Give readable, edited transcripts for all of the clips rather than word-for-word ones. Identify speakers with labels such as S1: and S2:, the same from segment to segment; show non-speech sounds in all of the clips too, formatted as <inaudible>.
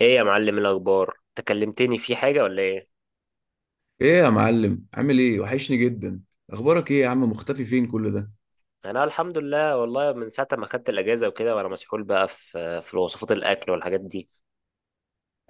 S1: ايه يا معلم؟ الاخبار، تكلمتني في حاجه ولا ايه؟
S2: ايه يا معلم، عامل ايه؟ وحشني جدا. اخبارك ايه يا عم؟ مختفي فين كل ده؟
S1: انا الحمد لله، والله من ساعه ما خدت الاجازه وكده، وانا مسحول بقى في وصفات الاكل والحاجات دي.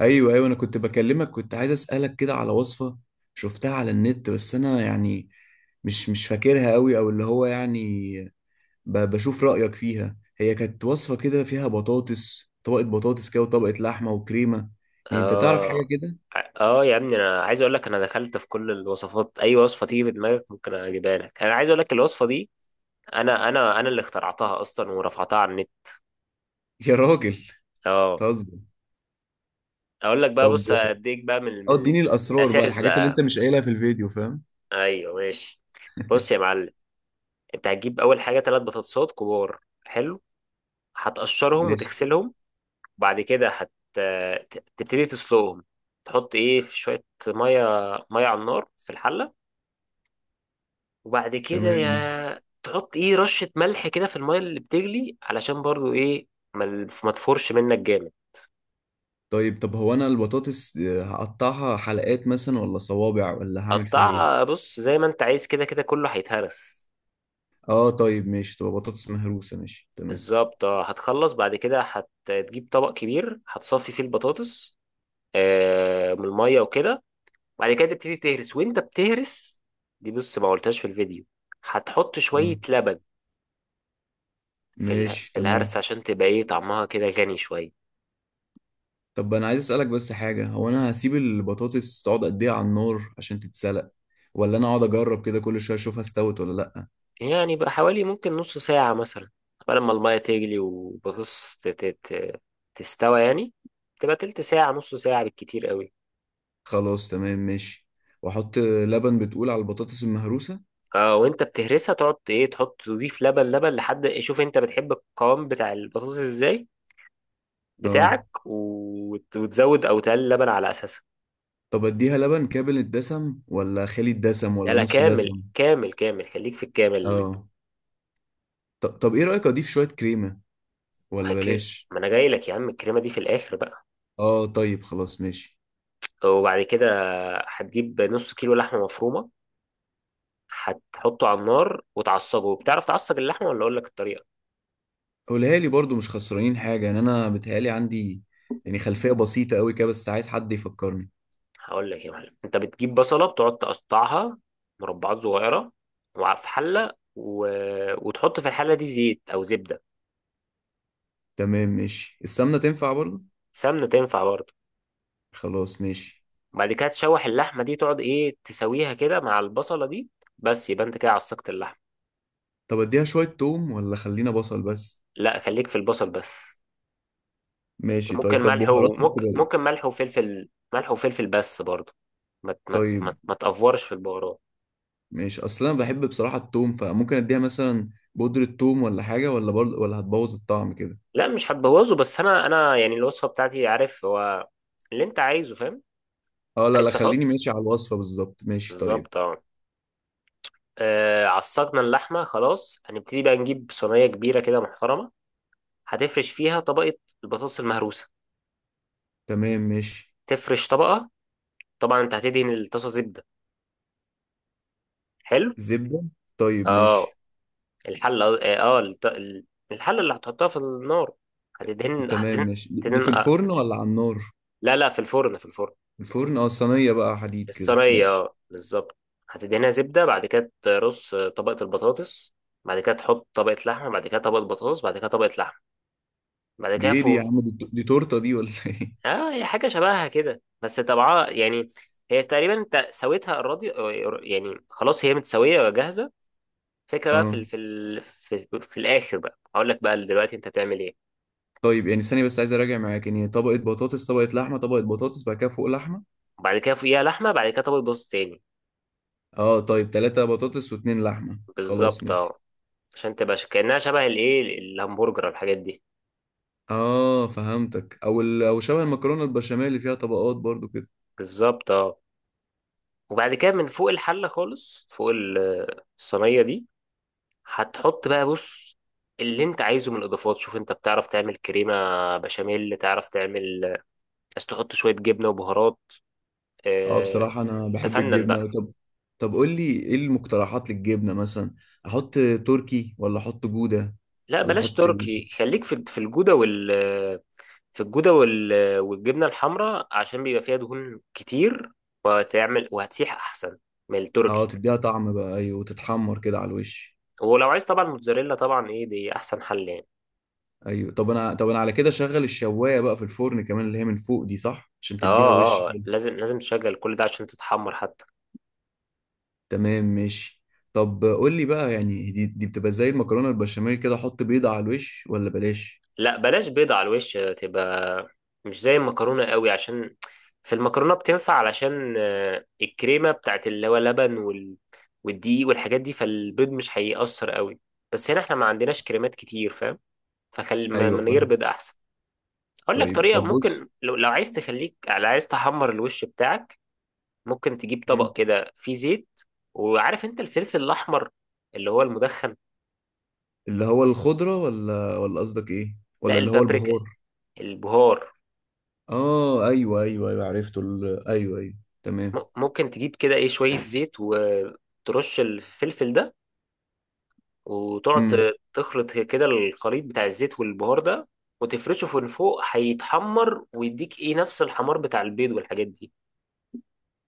S2: ايوه ايوه، انا كنت بكلمك، كنت عايز اسالك كده على وصفه. شفتها على النت بس انا يعني مش فاكرها قوي، او اللي هو يعني بشوف رايك فيها. هي كانت وصفه كده فيها بطاطس، طبقه بطاطس كده وطبقه لحمه وكريمه. يعني انت تعرف حاجه
S1: اه،
S2: كده؟
S1: اه يا ابني، انا عايز اقول لك، انا دخلت في كل الوصفات، اي وصفه تيجي في دماغك ممكن اجيبها لك. انا عايز اقول لك الوصفه دي انا اللي اخترعتها اصلا ورفعتها على النت.
S2: <laughs> يا راجل،
S1: اه،
S2: تهزر.
S1: اقول لك بقى.
S2: طب
S1: بص، اديك بقى من
S2: اه،
S1: من من
S2: اديني الاسرار بقى،
S1: الاساس
S2: الحاجات اللي انت
S1: بقى.
S2: مش قايلها في الفيديو، فاهم؟
S1: ايوه ماشي. بص يا معلم، انت هتجيب اول حاجه ثلاث بطاطسات كبار. حلو. هتقشرهم
S2: ماشي
S1: وتغسلهم، وبعد كده تبتدي تسلقهم. تحط ايه؟ في شوية مية، مية على النار في الحلة. وبعد كده
S2: تمام.
S1: يا تحط ايه، رشة ملح كده في المية اللي بتغلي، علشان برضو ايه، ما تفورش منك جامد.
S2: طيب طب هو انا البطاطس هقطعها حلقات مثلا ولا صوابع ولا هعمل فيها ايه؟
S1: قطع، بص زي ما انت عايز، كده كده كله هيتهرس.
S2: اه طيب ماشي، تبقى بطاطس مهروسة، ماشي تمام.
S1: بالظبط اه. هتخلص، بعد كده هتجيب طبق كبير، هتصفي فيه البطاطس من المية وكده. بعد كده تبتدي تهرس، وانت بتهرس، دي بص ما قلتهاش في الفيديو، هتحط شوية
S2: تمام
S1: لبن
S2: ماشي
S1: في الهرس،
S2: تمام.
S1: عشان تبقى ايه، طعمها كده غني شوية.
S2: طب انا عايز اسالك بس حاجة، هو انا هسيب البطاطس تقعد قد ايه على النار عشان تتسلق؟ ولا انا اقعد اجرب كده كل شوية اشوفها استوت ولا لا؟
S1: يعني بقى حوالي ممكن نص ساعة مثلا، قبل ما المية تغلي وبطس تستوى يعني، تبقى تلت ساعة، نص ساعة بالكتير قوي.
S2: خلاص تمام ماشي. واحط لبن بتقول على البطاطس المهروسة.
S1: اه، وانت بتهرسها تقعد ايه، تحط تضيف لبن لحد، شوف انت بتحب القوام بتاع البطاطس ازاي
S2: اه
S1: بتاعك، وتزود او تقلل لبن على اساسها.
S2: طب اديها لبن كامل الدسم ولا خالي الدسم
S1: لا
S2: ولا
S1: لا،
S2: نص
S1: كامل
S2: دسم؟
S1: كامل كامل، خليك في الكامل.
S2: اه. طب ايه رأيك اضيف شوية كريمة ولا بلاش؟
S1: ما انا جاي لك يا عم، الكريمة دي في الاخر بقى.
S2: اه طيب خلاص ماشي.
S1: وبعد كده هتجيب نص كيلو لحمه مفرومه، هتحطه على النار وتعصجه. بتعرف تعصج اللحمه ولا اقول لك الطريقه؟
S2: قولها لي برضو، مش خسرانين حاجة. يعني انا بتهيألي عندي يعني خلفية بسيطة قوي كده، بس عايز حد يفكرني.
S1: هقول لك يا معلم. انت بتجيب بصله، بتقعد تقطعها مربعات صغيره، في حله وتحط في الحله دي زيت او زبده.
S2: تمام ماشي. السمنة تنفع برضو؟
S1: سمنه تنفع برضه.
S2: خلاص ماشي.
S1: بعد كده تشوح اللحمه دي، تقعد ايه، تسويها كده مع البصله دي، بس يبقى انت كده عصجت اللحمه.
S2: طب اديها شوية توم ولا خلينا بصل بس؟
S1: لا، خليك في البصل بس.
S2: ماشي
S1: ممكن
S2: طيب. طب
S1: ملح،
S2: بهاراتها
S1: وممكن
S2: تبقى ايه؟
S1: ممكن ملح وفلفل، ملح وفلفل بس برضه.
S2: طيب
S1: ما تأفورش في البهارات.
S2: ماشي. اصل انا بحب بصراحة التوم، فممكن اديها مثلا بودرة توم ولا حاجة، ولا برضو ولا هتبوظ الطعم كده؟
S1: لا مش هتبوظه، بس انا يعني الوصفه بتاعتي، عارف هو اللي انت عايزه، فاهم.
S2: اه لا
S1: عايز
S2: لا، خليني
S1: تحط.
S2: ماشي على الوصفة بالظبط. ماشي طيب.
S1: بالظبط اه. عصقنا اللحمه، خلاص هنبتدي بقى نجيب صينيه كبيره كده محترمه. هتفرش فيها طبقه البطاطس المهروسه،
S2: تمام ماشي.
S1: تفرش طبقه. طبعا انت هتدهن الطاسه زبده. حلو.
S2: زبدة؟ طيب
S1: اه،
S2: ماشي
S1: الحله اه، الحله اللي هتحطها في النار هتدهن
S2: تمام.
S1: هتدهن
S2: ماشي، دي دي
S1: هتدهن
S2: في
S1: آه.
S2: الفرن ولا على النار؟
S1: لا لا، في الفرن.
S2: الفرن اه، صينية بقى حديد كده،
S1: الصينية
S2: ماشي.
S1: اه، بالظبط. هتدهنها زبدة، بعد كده ترص طبقة البطاطس، بعد كده تحط طبقة لحمة، بعد كده طبقة بطاطس، بعد كده طبقة لحمة، بعد
S2: دي
S1: كده
S2: ايه دي يا
S1: فوق.
S2: عم؟ دي تورتة دي ولا ايه؟
S1: اه، هي حاجة شبهها كده، بس طبعا يعني هي تقريبا انت سويتها الراضي، يعني خلاص هي متسوية وجاهزة.
S2: <laughs>
S1: فكرة بقى في
S2: اه
S1: ال... في ال... في, في الآخر، بقى هقول لك بقى دلوقتي انت تعمل ايه.
S2: طيب. يعني ثانية بس عايز اراجع معاك يعني، طبقة بطاطس، طبقة لحمة، طبقة بطاطس، بعد كده فوق لحمة.
S1: بعد كده فوقيها لحمة، بعد كده طبقة بطاطس تاني.
S2: اه طيب، تلاتة بطاطس واتنين لحمة، خلاص
S1: بالظبط
S2: ماشي.
S1: اه، عشان تبقى كأنها شبه الايه، الهمبرجر، الحاجات دي.
S2: اه فهمتك. او شبه المكرونة البشاميل اللي فيها طبقات برضو كده.
S1: بالظبط اه. وبعد كده من فوق الحلة خالص، فوق الصينية دي، هتحط بقى، بص اللي انت عايزه من اضافات. شوف، انت بتعرف تعمل كريمة بشاميل؟ تعرف تعمل، بس تحط شوية جبنة وبهارات.
S2: اه
S1: اه،
S2: بصراحة انا بحب
S1: تفنن
S2: الجبنة.
S1: بقى.
S2: طب طب قول لي ايه المقترحات للجبنة مثلا؟ احط تركي ولا احط جودة
S1: لا
S2: ولا
S1: بلاش
S2: احط إيه؟
S1: تركي، خليك في الجودة في الجودة وال والجبنة الحمراء، عشان بيبقى فيها دهون كتير، وتعمل وهتسيح احسن من
S2: اه
S1: التركي.
S2: تديها طعم بقى، ايوه، وتتحمر كده على الوش.
S1: ولو عايز طبعا موتزاريلا، طبعا ايه، دي احسن حل يعني.
S2: ايوه. طب انا على كده شغل الشوايه بقى في الفرن كمان، اللي هي من فوق دي صح، عشان
S1: اه
S2: تديها وش
S1: اه،
S2: كده.
S1: لازم، لازم تشغل كل ده عشان تتحمر حتى.
S2: تمام ماشي. طب قول لي بقى، يعني دي بتبقى زي المكرونه البشاميل كده، احط بيضه على الوش ولا بلاش؟
S1: لا بلاش بيضة على الوش، تبقى مش زي المكرونة قوي، عشان في المكرونة بتنفع علشان الكريمة بتاعت اللي هو لبن والدقيق والحاجات دي، فالبيض مش هيأثر قوي. بس هنا احنا ما عندناش كريمات كتير، فاهم، فخلي
S2: ايوه
S1: من غير
S2: فاهم.
S1: بيض احسن. اقول لك
S2: طيب
S1: طريقة
S2: طب بص.
S1: ممكن، لو عايز تخليك، لو عايز تحمر الوش بتاعك، ممكن تجيب
S2: مم.
S1: طبق كده فيه زيت. وعارف انت الفلفل الاحمر اللي هو المدخن؟
S2: اللي هو الخضره ولا ولا قصدك ايه،
S1: لا،
S2: ولا اللي هو
S1: البابريكا،
S2: البهار؟
S1: البهار.
S2: اه ايوه ايوه ايوه، عرفته ايوه ايوه، تمام.
S1: ممكن تجيب كده ايه، شوية زيت وترش الفلفل ده، وتقعد تخلط كده الخليط بتاع الزيت والبهار ده، وتفرشه من فوق، هيتحمر ويديك ايه، نفس الحمار بتاع البيض والحاجات دي.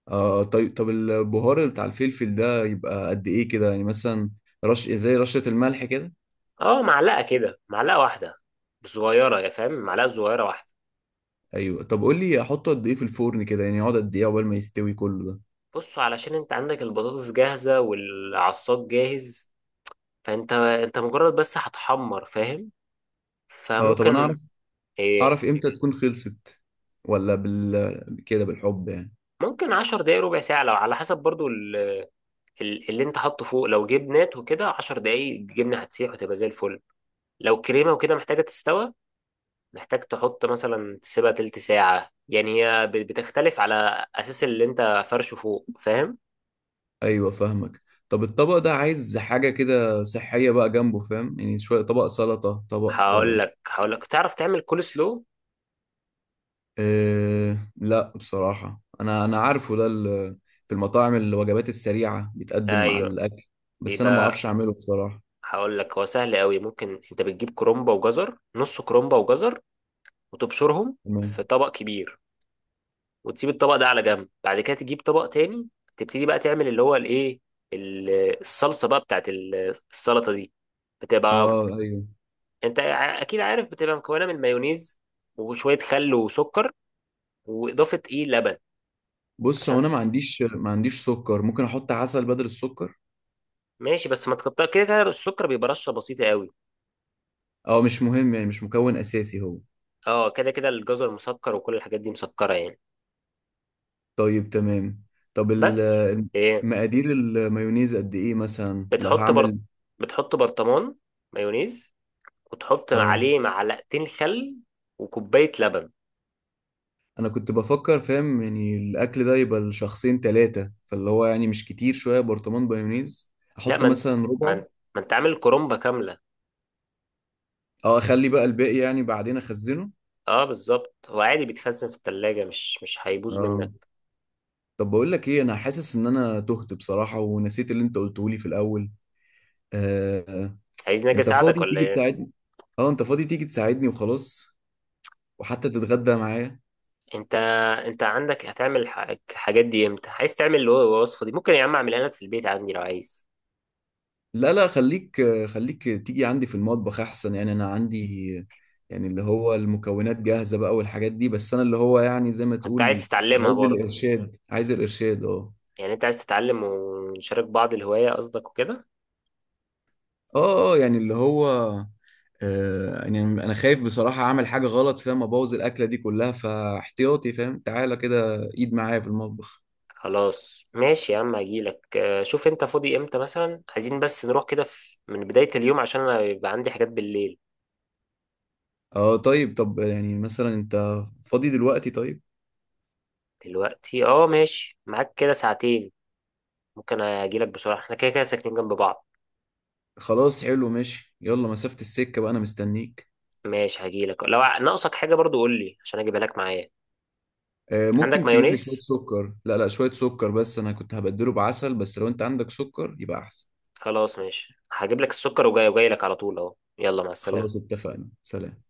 S2: آه طيب. طب البهار بتاع الفلفل ده يبقى قد ايه كده يعني مثلا؟ رش زي رشة الملح كده؟
S1: اه، معلقة كده، معلقة واحدة صغيرة، يا فاهم، معلقة صغيرة واحدة.
S2: ايوه. طب قول لي احطه قد ايه في الفرن كده، يعني يقعد قد ايه عقبال ما يستوي كله ده؟
S1: بص، علشان انت عندك البطاطس جاهزة والعصاج جاهز، فانت مجرد بس هتحمر فاهم،
S2: اه طب انا
S1: فممكن
S2: اعرف
S1: ايه،
S2: اعرف امتى تكون خلصت؟ ولا بال كده بالحب يعني؟
S1: ممكن 10 دقايق، ربع ساعة، لو على حسب برضو اللي انت حاطه فوق. لو جبنات وكده 10 دقايق الجبنه هتسيح وتبقى زي الفل. لو كريمه وكده محتاجه تستوى، محتاج تحط مثلا، تسيبها تلت ساعه يعني. هي بتختلف على اساس اللي انت فرشه فوق فاهم.
S2: ايوه فاهمك. طب الطبق ده عايز حاجة كده صحية بقى جنبه، فاهم، يعني شوية طبق سلطة، طبق
S1: هقول لك هقول لك تعرف تعمل كول سلو؟
S2: أه لا بصراحة، أنا عارفه ده في المطاعم الوجبات السريعة بيتقدم مع
S1: ايوه،
S2: الأكل. بس أنا ما
S1: بيبقى.
S2: بعرفش أعمله بصراحة.
S1: هقول لك، هو سهل قوي. ممكن انت بتجيب كرومبه وجزر، نص كرومبه وجزر، وتبشرهم
S2: تمام.
S1: في طبق كبير، وتسيب الطبق ده على جنب. بعد كده تجيب طبق تاني، تبتدي بقى تعمل اللي هو الايه، ال- الصلصه بقى بتاعت السلطه دي، بتبقى
S2: أه أيوه.
S1: انت اكيد عارف، بتبقى مكونه من مايونيز وشويه خل وسكر، واضافه ايه، لبن،
S2: بص هو
S1: عشان.
S2: أنا ما عنديش سكر، ممكن أحط عسل بدل السكر؟
S1: ماشي، بس ما تقطع، كده كده السكر بيبقى رشه بسيطه قوي.
S2: أه مش مهم، يعني مش مكون أساسي هو.
S1: اه، كده كده الجزر مسكر وكل الحاجات دي مسكره يعني.
S2: طيب تمام. طب
S1: بس ايه،
S2: مقادير المايونيز قد إيه مثلا لو
S1: بتحط بر...
S2: هعمل؟
S1: بتحط برطمان مايونيز، وتحط
S2: أه.
S1: عليه معلقتين خل، وكوبايه لبن.
S2: انا كنت بفكر، فاهم، يعني الاكل ده يبقى لشخصين ثلاثه، فاللي هو يعني مش كتير شويه برطمان بيونيز.
S1: لا،
S2: احط مثلا
S1: ما انت
S2: ربعه؟
S1: ما انت عامل كرومبة كاملة.
S2: اه، اخلي بقى الباقي يعني بعدين اخزنه.
S1: اه بالظبط، هو عادي بيتخزن في التلاجة، مش هيبوظ
S2: اه.
S1: منك.
S2: طب بقول لك ايه، انا حاسس ان انا تهت بصراحه ونسيت اللي انت قلته لي في الاول. آه
S1: عايزني اجي
S2: انت
S1: اساعدك
S2: فاضي
S1: ولا
S2: تيجي
S1: ايه؟
S2: تساعدني؟ اه انت فاضي تيجي تساعدني وخلاص، وحتى تتغدى معايا.
S1: انت انت عندك الحاجات دي امتى؟ عايز تعمل الوصفة دي، ممكن يا عم اعملها لك في البيت عندي لو عايز.
S2: لا لا خليك، خليك تيجي عندي في المطبخ احسن، يعني انا عندي يعني اللي هو المكونات جاهزة بقى والحاجات دي، بس انا اللي هو يعني زي ما
S1: انت
S2: تقول.
S1: عايز تتعلمها
S2: عايز
S1: برضه،
S2: الارشاد، عايز الارشاد اه.
S1: يعني انت عايز تتعلم ونشارك بعض الهواية قصدك وكده.
S2: اه اه، يعني اللي هو آه، يعني انا خايف بصراحة اعمل حاجة غلط، فاهم، ابوظ الاكلة دي كلها، فاحتياطي فاهم، تعالى كده ايد معايا في المطبخ.
S1: خلاص ماشي يا عم، هجيلك شوف انت فاضي امتى مثلا، عايزين بس نروح كده من بداية اليوم، عشان انا يبقى عندي حاجات بالليل.
S2: اه طيب. طب يعني مثلا انت فاضي دلوقتي؟ طيب
S1: دلوقتي اه، ماشي معاك، كده ساعتين ممكن اجيلك بسرعه، احنا كده كده ساكنين جنب بعض.
S2: خلاص حلو ماشي. يلا، مسافة السكة بقى، انا مستنيك.
S1: ماشي هجيلك، لو ناقصك حاجه برضو قول لي عشان اجيبها لك معايا. عندك
S2: ممكن تجيب لي شوية
S1: مايونيز؟
S2: سكر. لا لا، شوية سكر بس، أنا كنت هبدله بعسل، بس لو أنت عندك سكر يبقى أحسن.
S1: خلاص ماشي، هجيب لك السكر، وجاي لك على طول اهو، يلا مع
S2: خلاص
S1: السلامه.
S2: اتفقنا، سلام.